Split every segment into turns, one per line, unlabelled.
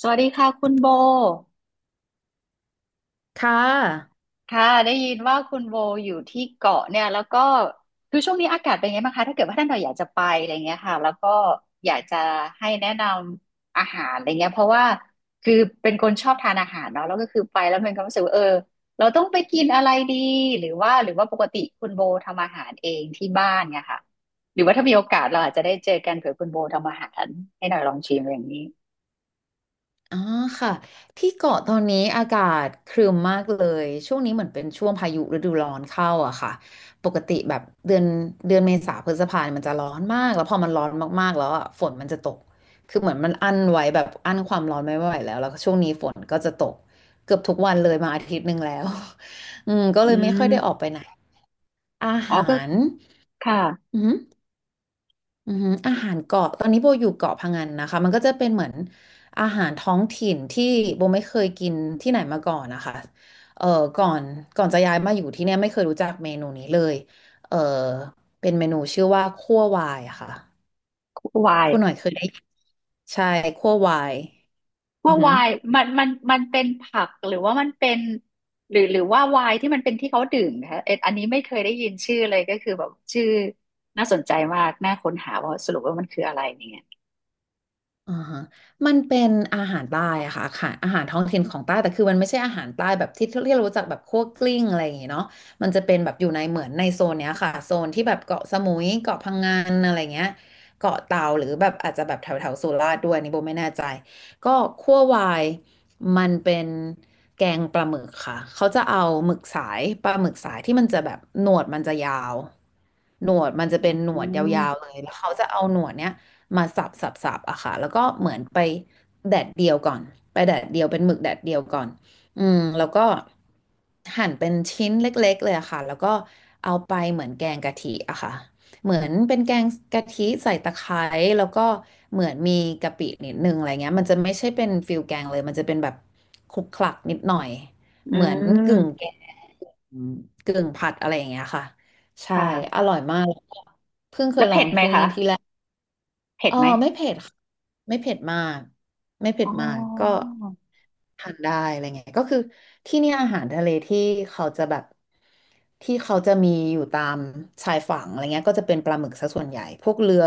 สวัสดีค่ะคุณโบ
ค่ะ
ค่ะได้ยินว่าคุณโบอยู่ที่เกาะเนี่ยแล้วก็คือช่วงนี้อากาศเป็นไงบ้างคะถ้าเกิดว่าท่านเราอยากจะไปอะไรเงี้ยค่ะแล้วก็อยากจะให้แนะนำอาหารอะไรเงี้ยเพราะว่าคือเป็นคนชอบทานอาหารเนาะแล้วก็คือไปแล้วมันก็รู้สึกว่าเออเราต้องไปกินอะไรดีหรือว่าปกติคุณโบทำอาหารเองที่บ้านเนี่ยค่ะหรือว่าถ้ามีโอกาสเราอาจจะได้เจอกันเผื่อคุณโบทำอาหารให้หน่อยลองชิมอย่างนี้
อ๋อค่ะ ที่เกาะตอนนี้อากาศครึ้มมากเลย ช่วงนี้เหมือนเป็นช่วงพายุฤดูร้อนเข้าอะค่ะ ปกติแบบเดือนเดือนเมษาพฤษภาเนี่ยมันจะร้อนมาก แล้วพอมันร้อนมากๆแล้วอะฝนมันจะตก คือเหมือนมันอั้นไว้แบบอั้นความร้อนไม่ไหวแล้ว แล้วก็ช่วงนี้ฝนก็จะตกเกือบทุกวันเลยมาอาทิตย์หนึ่งแล้ว อืมก็
อื
เลยไม่ค่อยได้ออก
ม
ไปไหนอา
อ๋อ
หา
ก็
ร
ค่ะ
อืม อือหืออาหารเกาะตอนนี้โบอยู่เกาะพะงันนะคะมันก็จะเป็นเหมือนอาหารท้องถิ่นที่โบไม่เคยกินที่ไหนมาก่อนนะคะเอ่อก่อนก่อนจะย้ายมาอยู่ที่เนี่ยไม่เคยรู้จักเมนูนี้เลยเอ่อเป็นเมนูชื่อว่าคั่ววายอะค่ะ
วาย
คุณหน่อยเคยได้ยินใช่คั่ววายอื
ว่า
อหือ
ไวายมันเป็นผักหรือว่ามันเป็นหรือว่าไวายที่มันเป็นที่เขาดื่มนะคะเอ็ดอันนี้ไม่เคยได้ยินชื่อเลยก็คือแบบชื่อน่าสนใจมากน่าค้นหาว่าสรุปว่ามันคืออะไรเนี่ย
อ่าฮะมันเป็นอาหารใต้อะค่ะอาหารท้องถิ่นของใต้แต่คือมันไม่ใช่อาหารใต้แบบที่เรารู้จักแบบคั่วกลิ้งอะไรอย่างเงี้ยเนาะมันจะเป็นแบบอยู่ในเหมือนในโซนเนี้ยค่ะโซนที่แบบเกาะสมุยเกาะพังงานอะไรเงี้ยเกาะเต่าหรือแบบอาจจะแบบแถวแถวสุราษฎร์ด้วยอันนี่โบไม่แน่ใจก็คั่ววายมันเป็นแกงปลาหมึกค่ะเขาจะเอาหมึกสายปลาหมึกสายที่มันจะแบบหนวดมันจะยาวหนวดมันจะ
อื
เป็นหนวดย
ม
าวๆเลยแล้วเขาจะเอาหนวดเนี้ย มาสับสับสับอะค่ะแล้วก็เหมือนไปแดดเดียวก่อนไปแดดเดียวเป็นหมึกแดดเดียวก่อนอืมแล้วก็หั่นเป็นชิ้นเล็กๆเลยอะค่ะแล้วก็เอาไปเหมือนแกงกะทิอะค่ะเหมือนเป็นแกงกะทิใส่ตะไคร้แล้วก็เหมือนมีกะปินิดนึงอะไรเงี้ยมันจะไม่ใช่เป็นฟิลแกงเลยมันจะเป็นแบบคลุกคลักนิดหน่อย
อื
เหมือนกึ่ง
ม
แกงกึ่งผัดอะไรอย่างเงี้ยค่ะ
ค
ใช่อ
่ะ
ร่อยมาก
แล้วเผ็ดไหมคะเผ็
เอ
ด
อ
ไหม
ไม่เผ็ดค่ะไม่เผ็ดมากไม่เผ็
อ๋
ดมากก็
อ
ทานได้อะไรเงี้ยก็คือที่เนี่ยอาหารทะเลที่เขาจะแบบที่เขาจะมีอยู่ตามชายฝั่งอะไรเงี้ยก็จะเป็นปลาหมึกซะส่วนใหญ่พวกเรือ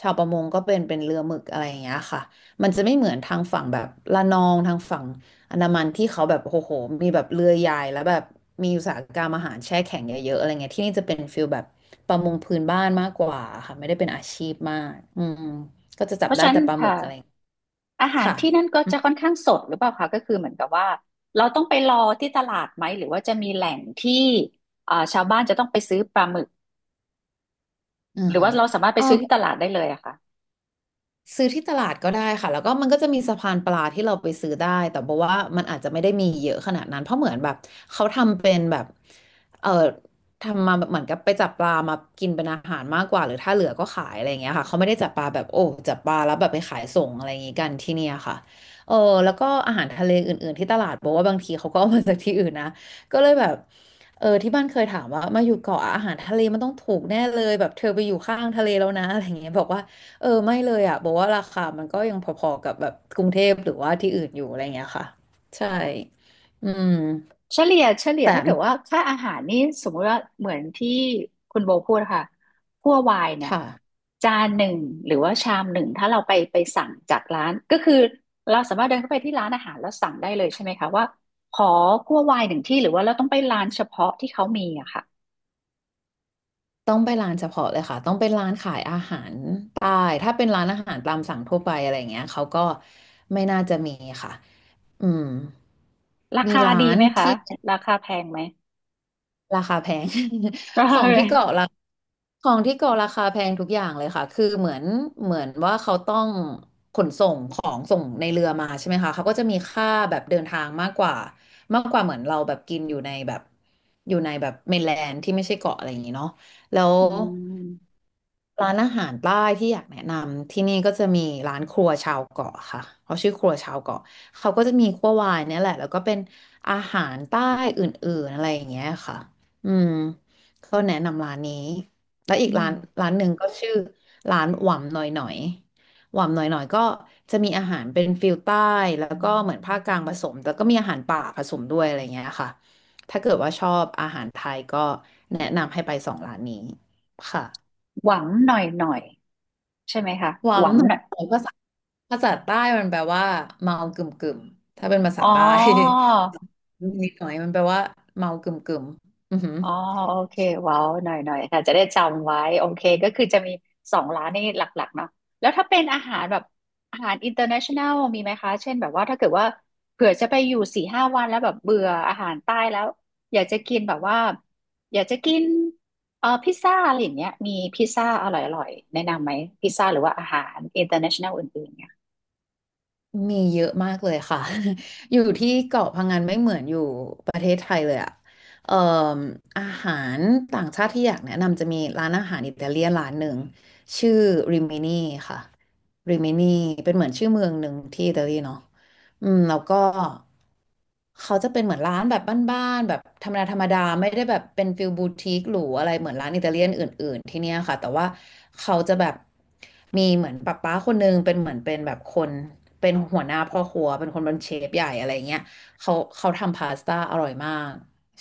ชาวประมงก็เป็นเรือหมึกอะไรอย่างเงี้ยค่ะมันจะไม่เหมือนทางฝั่งแบบละนองทางฝั่ง อันดามันที่เขาแบบโอ้โหมีแบบเรือใหญ่แล้วแบบมีอุตสาหกรรมอาหารแช่แข็งเยอะๆอะไรเงี้ยที่นี่จะเป็นฟิลแบบประมงพื้นบ้านมากกว่าค่ะไม่ได้เป็นอาชีพมากอืมก็จะจั
เพ
บ
ราะ
ได้
ฉะนั้น
แต่ปลาหมึ
ค่ะ
กอะไร
อาหาร
ค่ะ
ที่นั่นก็จะค่อนข้างสดหรือเปล่าคะก็คือเหมือนกับว่าเราต้องไปรอที่ตลาดไหมหรือว่าจะมีแหล่งที่อ่าชาวบ้านจะต้องไปซื้อปลาหมึก
อือ
หรือ
ฮะ
ว่าเราสามารถไป
เออ
ซื้อที่ตลาดได้เลยอะค่ะ
ซื้อที่ตลาดก็ได้ค่ะแล้วก็มันก็จะมีสะพานปลาที่เราไปซื้อได้แต่บอกว่ามันอาจจะไม่ได้มีเยอะขนาดนั้นเพราะเหมือนแบบเขาทำเป็นแบบเออทำมาแบบเหมือนกับไปจับปลามากินเป็นอาหารมากกว่าหรือถ้าเหลือก็ขายอะไรอย่างเงี้ยค่ะเขาไม่ได้จับปลาแบบโอ้จับปลาแล้วแบบไปขายส่งอะไรอย่างงี้กันที่เนี่ยค่ะเออแล้วก็อาหารทะเลอื่นๆที่ตลาดบอกว่าบางทีเขาก็เอามาจากที่อื่นนะก็เลยแบบเออที่บ้านเคยถามว่ามาอยู่เกาะอาหารทะเลมันต้องถูกแน่เลยแบบเธอไปอยู่ข้างทะเลแล้วนะอะไรอย่างเงี้ยบอกว่า เออไม่เลยอ่ะบอกว่าราคามันก็ยังพอๆกับแบบกรุงเทพหรือว่าที่อื่นอยู่อะไรเงี้ยค่ะใช่อืม
เฉลี่ย
แต่
ถ้าเกิดว่าค่าอาหารนี่สมมุติว่าเหมือนที่คุณโบพูดค่ะคั่ววายเนี่ย
ค่ะ
จานหนึ่งหรือว่าชามหนึ่งถ้าเราไปสั่งจากร้านก็คือเราสามารถเดินเข้าไปที่ร้านอาหารแล้วสั่งได้เลยใช่ไหมคะว่าขอคั่ววายหนึ่งที่หรือว่าเราต้องไปร้านเฉพาะที่เขามีอะค่ะ
ต้องไปร้านเฉพาะเลยค่ะต้องเป็นร้านขายอาหารใต้ถ้าเป็นร้านอาหารตามสั่งทั่วไปอะไรเงี้ยเขาก็ไม่น่าจะมีค่ะอืม
รา
มี
คาดี
ร้าน
ไหมคะ
ที่
ราคาแพงไหม
ราคาแพง
รา
ข
คา
อง
แพ
ที่
ง
เกาะราของที่เกาะราคาแพงทุกอย่างเลยค่ะ คือเหมือนเหมือนว่าเขาต้องขนส่งของส่งในเรือมาใช่ไหมคะเขาก็จะมีค่าแบบเดินทางมากกว่า มากกว่าเหมือนเราแบบกินอยู่ในแบบอยู่ในแบบเมนแลนด์ที่ไม่ใช่เกาะอะไรอย่างนี้เนาะแล้ว
อืม
ร้านอาหารใต้ที่อยากแนะนำที่นี่ก็จะมีร้านครัวชาวเกาะค่ะ เขาชื่อครัวชาวเกาะเขาก็จะมีคั่ววายเนี่ยแหละ แล้วก็เป็นอาหารใต้อื่นๆอะไรอย่างเงี้ยค่ะ อืมเขาแนะนำร้านนี้แล้วอีก
อื
ร้า
ม
นร้านหนึ่งก็ชื่อร้านหว่ำหน่อยหน่อยหว่ำหน่อยหน่อยก็จะมีอาหารเป็นฟิลใต้แล้วก็เหมือนภาคกลางผสมแต่ก็มีอาหารป่าผสมด้วยอะไรเงี้ยค่ะถ้าเกิดว่าชอบอาหารไทยก็แนะนำให้ไปสองร้านนี้ค่ะ
หวังหน่อยหน่อยใช่ไหมคะ
ห
หวัง
ว่ำหน่อ
ห
ย
น่อย
หน่อยภาษาใต้มันแปลว่าเมากึ่มกึ่มถ้าเป็นภาษา
อ๋อ
ใต้ นิดหน่อยมันแปลว่าเมากึ่มกึ่มอือหือ
อ๋อโอเคว้าวหน่อยหน่อยค่ะจะได้จำไว้โอเคก็คือจะมี2 ร้านนี่หลักๆเนาะแล้วถ้าเป็นอาหารแบบอาหารอินเ r อร์เนชั่นแนลมีไหมคะเช่นแบบว่าถ้าเกิดว่าเผื่อจะไปอยู่4-5 วันแล้วแบบเบื่ออาหารใต้แล้วอยากจะกินแบบว่าอยากจะกินพิซซ่าอะไรอย่างเงี้ยมีพิซซ่าอร่อยๆแนะนำไหมพิซซ่าหรือว่าอาหารอินเตอร์เนชั่นแนลอื่นๆเนี่ย
มีเยอะมากเลยค่ะ อยู่ที่เกาะพังงานไม่เหมือนอยู่ประเทศไทยเลยอะเอ่ออาหารต่างชาติที่อยากแนะนำจะมีร้านอาหารอิตาเลียนร้านหนึ่งชื่อริมินีค่ะริมินีเป็นเหมือนชื่อเมืองหนึ่งที่อิตาลีเนาะ แล้วก็เขาจะเป็นเหมือนร้านแบบบ้านๆแบบธรรมดาธรรมดาไม่ได้แบบเป็นฟิลบูติกหรูอะไรเหมือนร้านอิตาเลียนอื่นๆที่เนี่ยค่ะแต่ว่าเขาจะแบบมีเหมือนป้าป้าคนนึงเป็นเหมือนเป็นแบบคนเป็นหัวหน้าพ่อครัวเป็นคนเป็นเชฟใหญ่อะไรเงี้ยเขาทำพาสต้าอร่อยมาก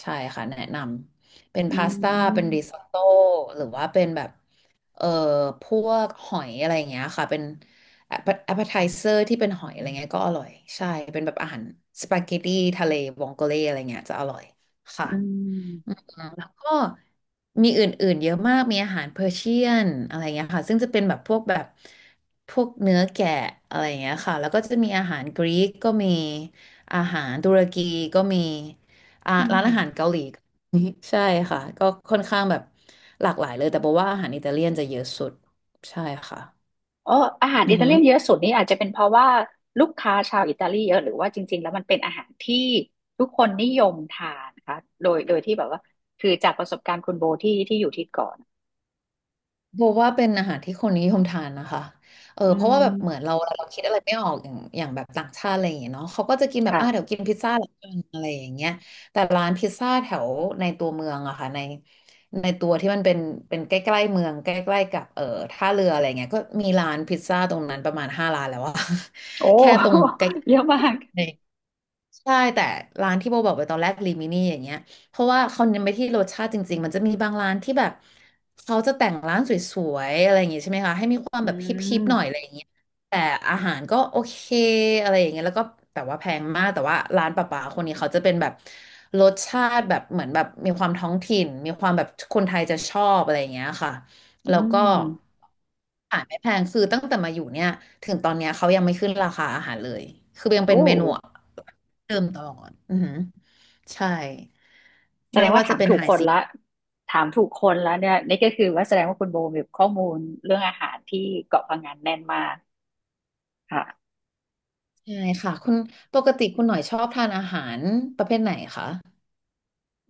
ใช่ค่ะแนะนำเป็น
อื
พาสต้าเป็นริซอ
ม
ตโต้หรือว่าเป็นแบบเอ่อพวกหอยอะไรอย่างเงี้ยค่ะเป็น แอปเปอร์ไทเซอร์ที่เป็นหอยอะไรเงี้ยก็อร่อยใช่เป็นแบบอาหารสปาเกตตี้ทะเลวองโกเลอะไรเงี้ยจะอร่อยค่ะ
อืม
แล้วก็มีอื่นๆเยอะมากมีอาหารเปอร์เชียนอะไรเงี้ยค่ะซึ่งจะเป็นแบบพวกแบบพวกเนื้อแกะอะไรเงี้ยค่ะแล้วก็จะมีอาหารกรีกก็มีอาหารตุรกีก็มี
อื
ร้านอาหาร
ม
เกาหลีก็มีใช่ค่ะก็ค่อนข้างแบบหลากหลายเลยแต่บอกว่าอาหารอิตาเลียนจะเยอะสุดใช่ค่ะ
เอออาหาร
อื
อิ
อ
ตา
ฮึ
เลียนเยอะสุดนี่อาจจะเป็นเพราะว่าลูกค้าชาวอิตาลีเยอะหรือว่าจริงๆแล้วมันเป็นอาหารที่ทุกคนนิยมทานนะคะโดยที่แบบว่าคือจากประสบการณ์คุณโบที่อยู่ที่เก่อน
โบว่าเป็นอาหารที่คนนิยมทานนะคะเออ
อื
เพราะว่าแบบเหมือน
ม
เราคิดอะไรไม่ออกอย่างแบบต่างชาติอะไรอย่างเงี้ยเนาะเขาก็จะกินแบบอ่ะเดี๋ย
ค่ะ
วกินพิซซ่าละกันอะไรอย่างเงี้ยแต่ร้านพิซซ่าแถวในตัวเมืองอะค่ะในตัวที่มันเป็นใกล้ๆเมืองใกล้ๆกับท่าเรืออะไรเงี้ยก็มีร้านพิซซ่าตรงนั้นประมาณห้าร้านแล้วอะ
โอ้
แค่ตรงใกล้
เยอะมาก
ๆใช่แต่ร้านที่โบบอกไปตอนแรกลิมินี่อย่างเงี้ย เพราะว่าเขาเน้นไปที่รสชาติจริงๆ มันจะมีบางร้านที่แบบเขาจะแต่งร้านสวยๆอะไรอย่างงี้ใช่ไหมคะให้มีความ
อื
แบบฮิปๆหน่อยอะไร
ม
อย่างเงี้ยแต่อาหารก็โอเคอะไรอย่างเงี้ยแล้วก็แต่ว่าแพงมากแต่ว่าร้านป่าๆคนนี้เขาจะเป็นแบบรสชาติแบบเหมือนแบบมีความท้องถิ่นมีความแบบคนไทยจะชอบอะไรอย่างเงี้ยค่ะ
อื
แล้วก็
ม
อาหารไม่แพงคือตั้งแต่มาอยู่เนี่ยถึงตอนเนี้ยเขายังไม่ขึ้นราคาอาหารเลยคือยังเป็
โอ้
นเมนูเดิมตลอดอือหือใช่
แสดงว่าถามถูกคนแล้วเนี่ยนี่ก็คือว่าแสดงว่าคุณโบมีข้อมูลเรื่องอาหารที่เกาะพะงันแน่นมากค่ะ
ใช่ค่ะปกติคุณหน่อยชอบทานอาหารประเภทไหนคะ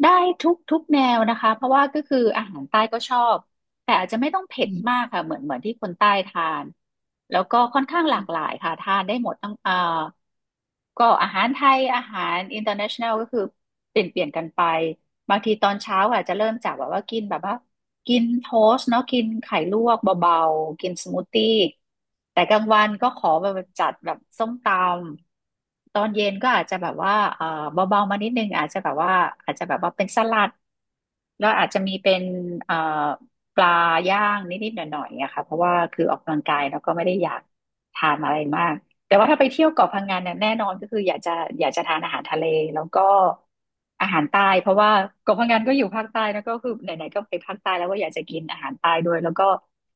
ได้ทุกแนวนะคะเพราะว่าก็คืออาหารใต้ก็ชอบแต่อาจจะไม่ต้องเผ็ดมากค่ะเหมือนที่คนใต้ทานแล้วก็ค่อนข้างหลากหลายค่ะทานได้หมดตั้งเอ่อก็อาหารไทยอาหาร international ก็คือเปลี่ยนกันไป บางทีตอนเช้าอาจจะเริ่มจากแบบว่ากินแบบว่ากินโทสต์เนาะกินไข่ลวกเบาๆกินสมูทตี้แต่กลางวันก็ขอแบบจัดแบบส้มตำตอนเย็นก็อาจจะแบบว่าเออเบาๆมานิดนึงอาจจะแบบว่าอาจจะแบบว่าเป็นสลัดแล้วอาจจะมีเป็นเอ่อปลาย่างนิดๆหน่อยๆอะค่ะเพราะว่าคือออกกำลังกายแล้วก็ไม่ได้อยากทานอะไรมาก แต่ว่าถ้าไปเที่ยวเกาะพังงานเนี่ยแน่นอนก็คืออยากจะทานอาหารทะเลแล้วก็อาหารใต้เพราะว่าเกาะพังงานก็อยู่ภาคใต้แล้วก็คือไหนๆก็ไปภาคใต้แล้วก็อยากจะกินอาหารใต้ด้วยแล้วก็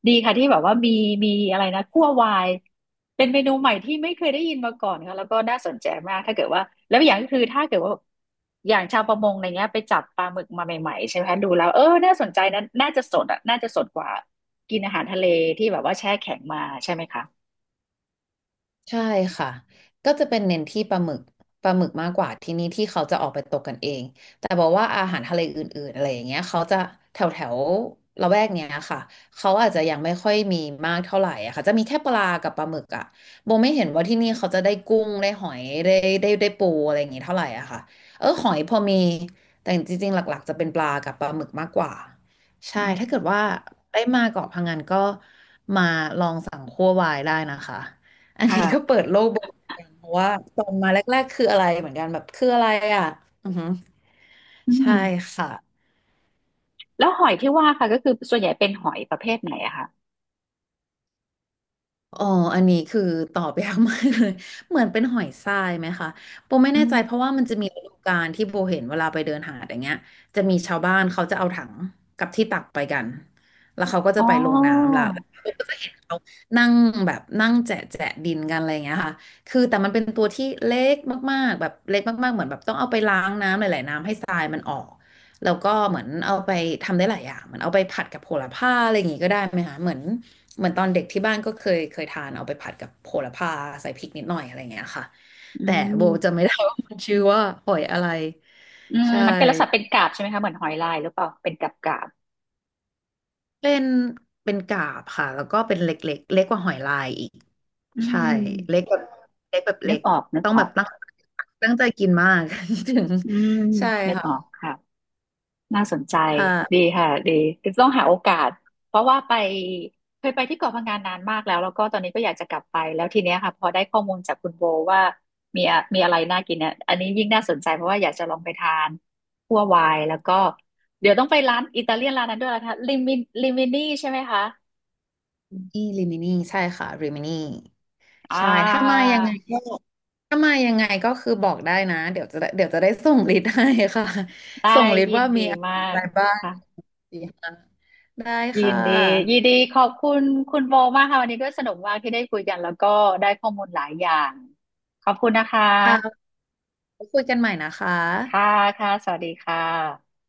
ดีค่ะที่แบบว่ามีอะไรนะคั่ววายเป็นเมนูใหม่ที่ไม่เคยได้ยินมาก่อนค่ะแล้วก็น่าสนใจมากถ้าเกิดว่าแล้วอย่างก็คือถ้าเกิดว่าอย่างชาวประมงอะไรเงี้ยไปจับปลาหมึกมาใหม่ๆใช่ไหมคะดูแล้วเออน่าสนใจนะน่าจะสดอ่ะน่าจะสดกว่ากินอาหารทะเลที่แบบว่าแช่แข็งมาใช่ไหมคะ
ใช่ค่ะ ก็จะเป็นเน้นที่ปลาหมึกมากกว่าที่นี่ที่เขาจะออกไปตกกันเองแต่บอกว่าอาหารทะเลอื่นๆอะไรอย่างเงี้ยเขาจะแถวแถวละแวกเนี้ยค่ะเขาอาจจะยังไม่ค่อยมีมากเท่าไหร่อะค่ะจะมีแค่ปลากับปลาหมึกอะโบไม่เห็นว่าที่นี่เขาจะได้กุ้งได้หอยได้ปูอะไรอย่างงี้เท่าไหร่อะค่ะเออหอยพอมีแต่จริงๆหลักๆจะเป็นปลากับปลาหมึกมากกว่าใช่
อื
ถ้าเกิด
ม
ว่าได้มาเกาะพังงานก็มาลองสั่งคั่ววายได้นะคะ อันนี้ก็
ค่ะ
เปิดโลกเบิกเหมือนกันเพราะว่าตอนมาแรกๆคืออะไรเหมือนกันแบบคืออะไรอ่ะอือหือ
อืม
ใช่ค่ะ
แล้วหอยที่ว่าค่ะก็คือส่วนใหญ่เป็นหอยประเภทไหนอะคะ
อ๋ออันนี้คือตอบยากมากเลย เหมือนเป็นหอยทรายไหมคะโบไม่
อื
แน่ใจ
ม
เพราะว่ามันจะมีฤดูกาลที่โบเห็นเวลาไปเดินหาดอย่างเงี้ยจะมีชาวบ้านเขาจะเอาถังกับที่ตักไปกันแล้วเขาก็
อ๋
จะไปลง
อ
น้ำละแล้วก็จะเห็นเขานั่งแบบนั่งแจะแจะดินกันอะไรอย่างเงี้ยค่ะคือแต่มันเป็นตัวที่เล็กมากๆแบบเล็กมากๆเหมือนแบบต้องเอาไปล้างน้ำหลายๆน้ำให้ทรายมันออก แล้วก็เหมือนเอาไปทำได้หลายอย่างเหมือนเอาไปผัดกับโหระพาอะไรอย่างงี้ก็ได้ไหมคะเหมือนเหมือนตอนเด็กที่บ้านก็เคยทานเอาไปผัดกับโหระพาใส่พริกนิดหน่อยอะไรอย่างเงี้ยค่ะ
อื
แต่โบจะ
ม
ไม่ได้ว่ามันชื่อว่าหอยอะไร
อืม
ใช่
มันเป็นลักษณะเป็นกาบใช่ไหมคะ เหมือนหอยลายหรือเปล่าเป็นกาบกาบ
เป็นเป็นกาบค่ะแล้วก็เป็นเล็กเล็กเล็กกว่าหอยลายอีก
อื
ใช่เล็
ม
กแบบเล็กแบบ
นึ
เล็
ก
ก
ออก นึก
ต้อง
อ
แบ
อ
บ
ก
ตั้งใจกินมาก ถึง
อืม
ใช่
นึก
ค่ะ
ออกค่ะ น่าสนใจดี
ค่ะ
ค่ะดีต้องหาโอกาสเพราะว่าไปเคยไปที่เกาะพะงันนานมากแล้วแล้วก็ตอนนี้ก็อยากจะกลับไปแล้วทีเนี้ยค่ะพอได้ข้อมูลจากคุณโบว่ามีอะไรน่ากินเนี่ยอันนี้ยิ่งน่าสนใจเพราะว่าอยากจะลองไปทานคั่ววายแล้วก็เดี๋ยวต้องไปร้านอิตาเลียนร้านนั้นด้วยนะคะลิมินี่ใช่ไหมคะ
ริมินี่ริมินีใช่ค่ะริมินี
อ่า
ใช่ ถ้ามายังไงก็ถ้ามายังไงก็คือบอกได้นะ เดี๋ยวจะได้ส่งลิสต์ให้ค่ะ
ได้
ส่งลิส
ยิ
ต์
น
ว่า
ดี
มีอะ
มาก
ไรบ้าง
ค่ะ
สี่ห้าได้
ยิ
ค่ะ
นดียินดีขอบคุณคุณโบมากค่ะวันนี้ด้วยสนุกมากที่ได้คุยกันแล้วก็ได้ข้อมูลหลายอย่างขอบคุณนะคะ
ค่ะไว้คุยกันใหม่นะคะ
ค่ะค่ะสวัสดีค่ะ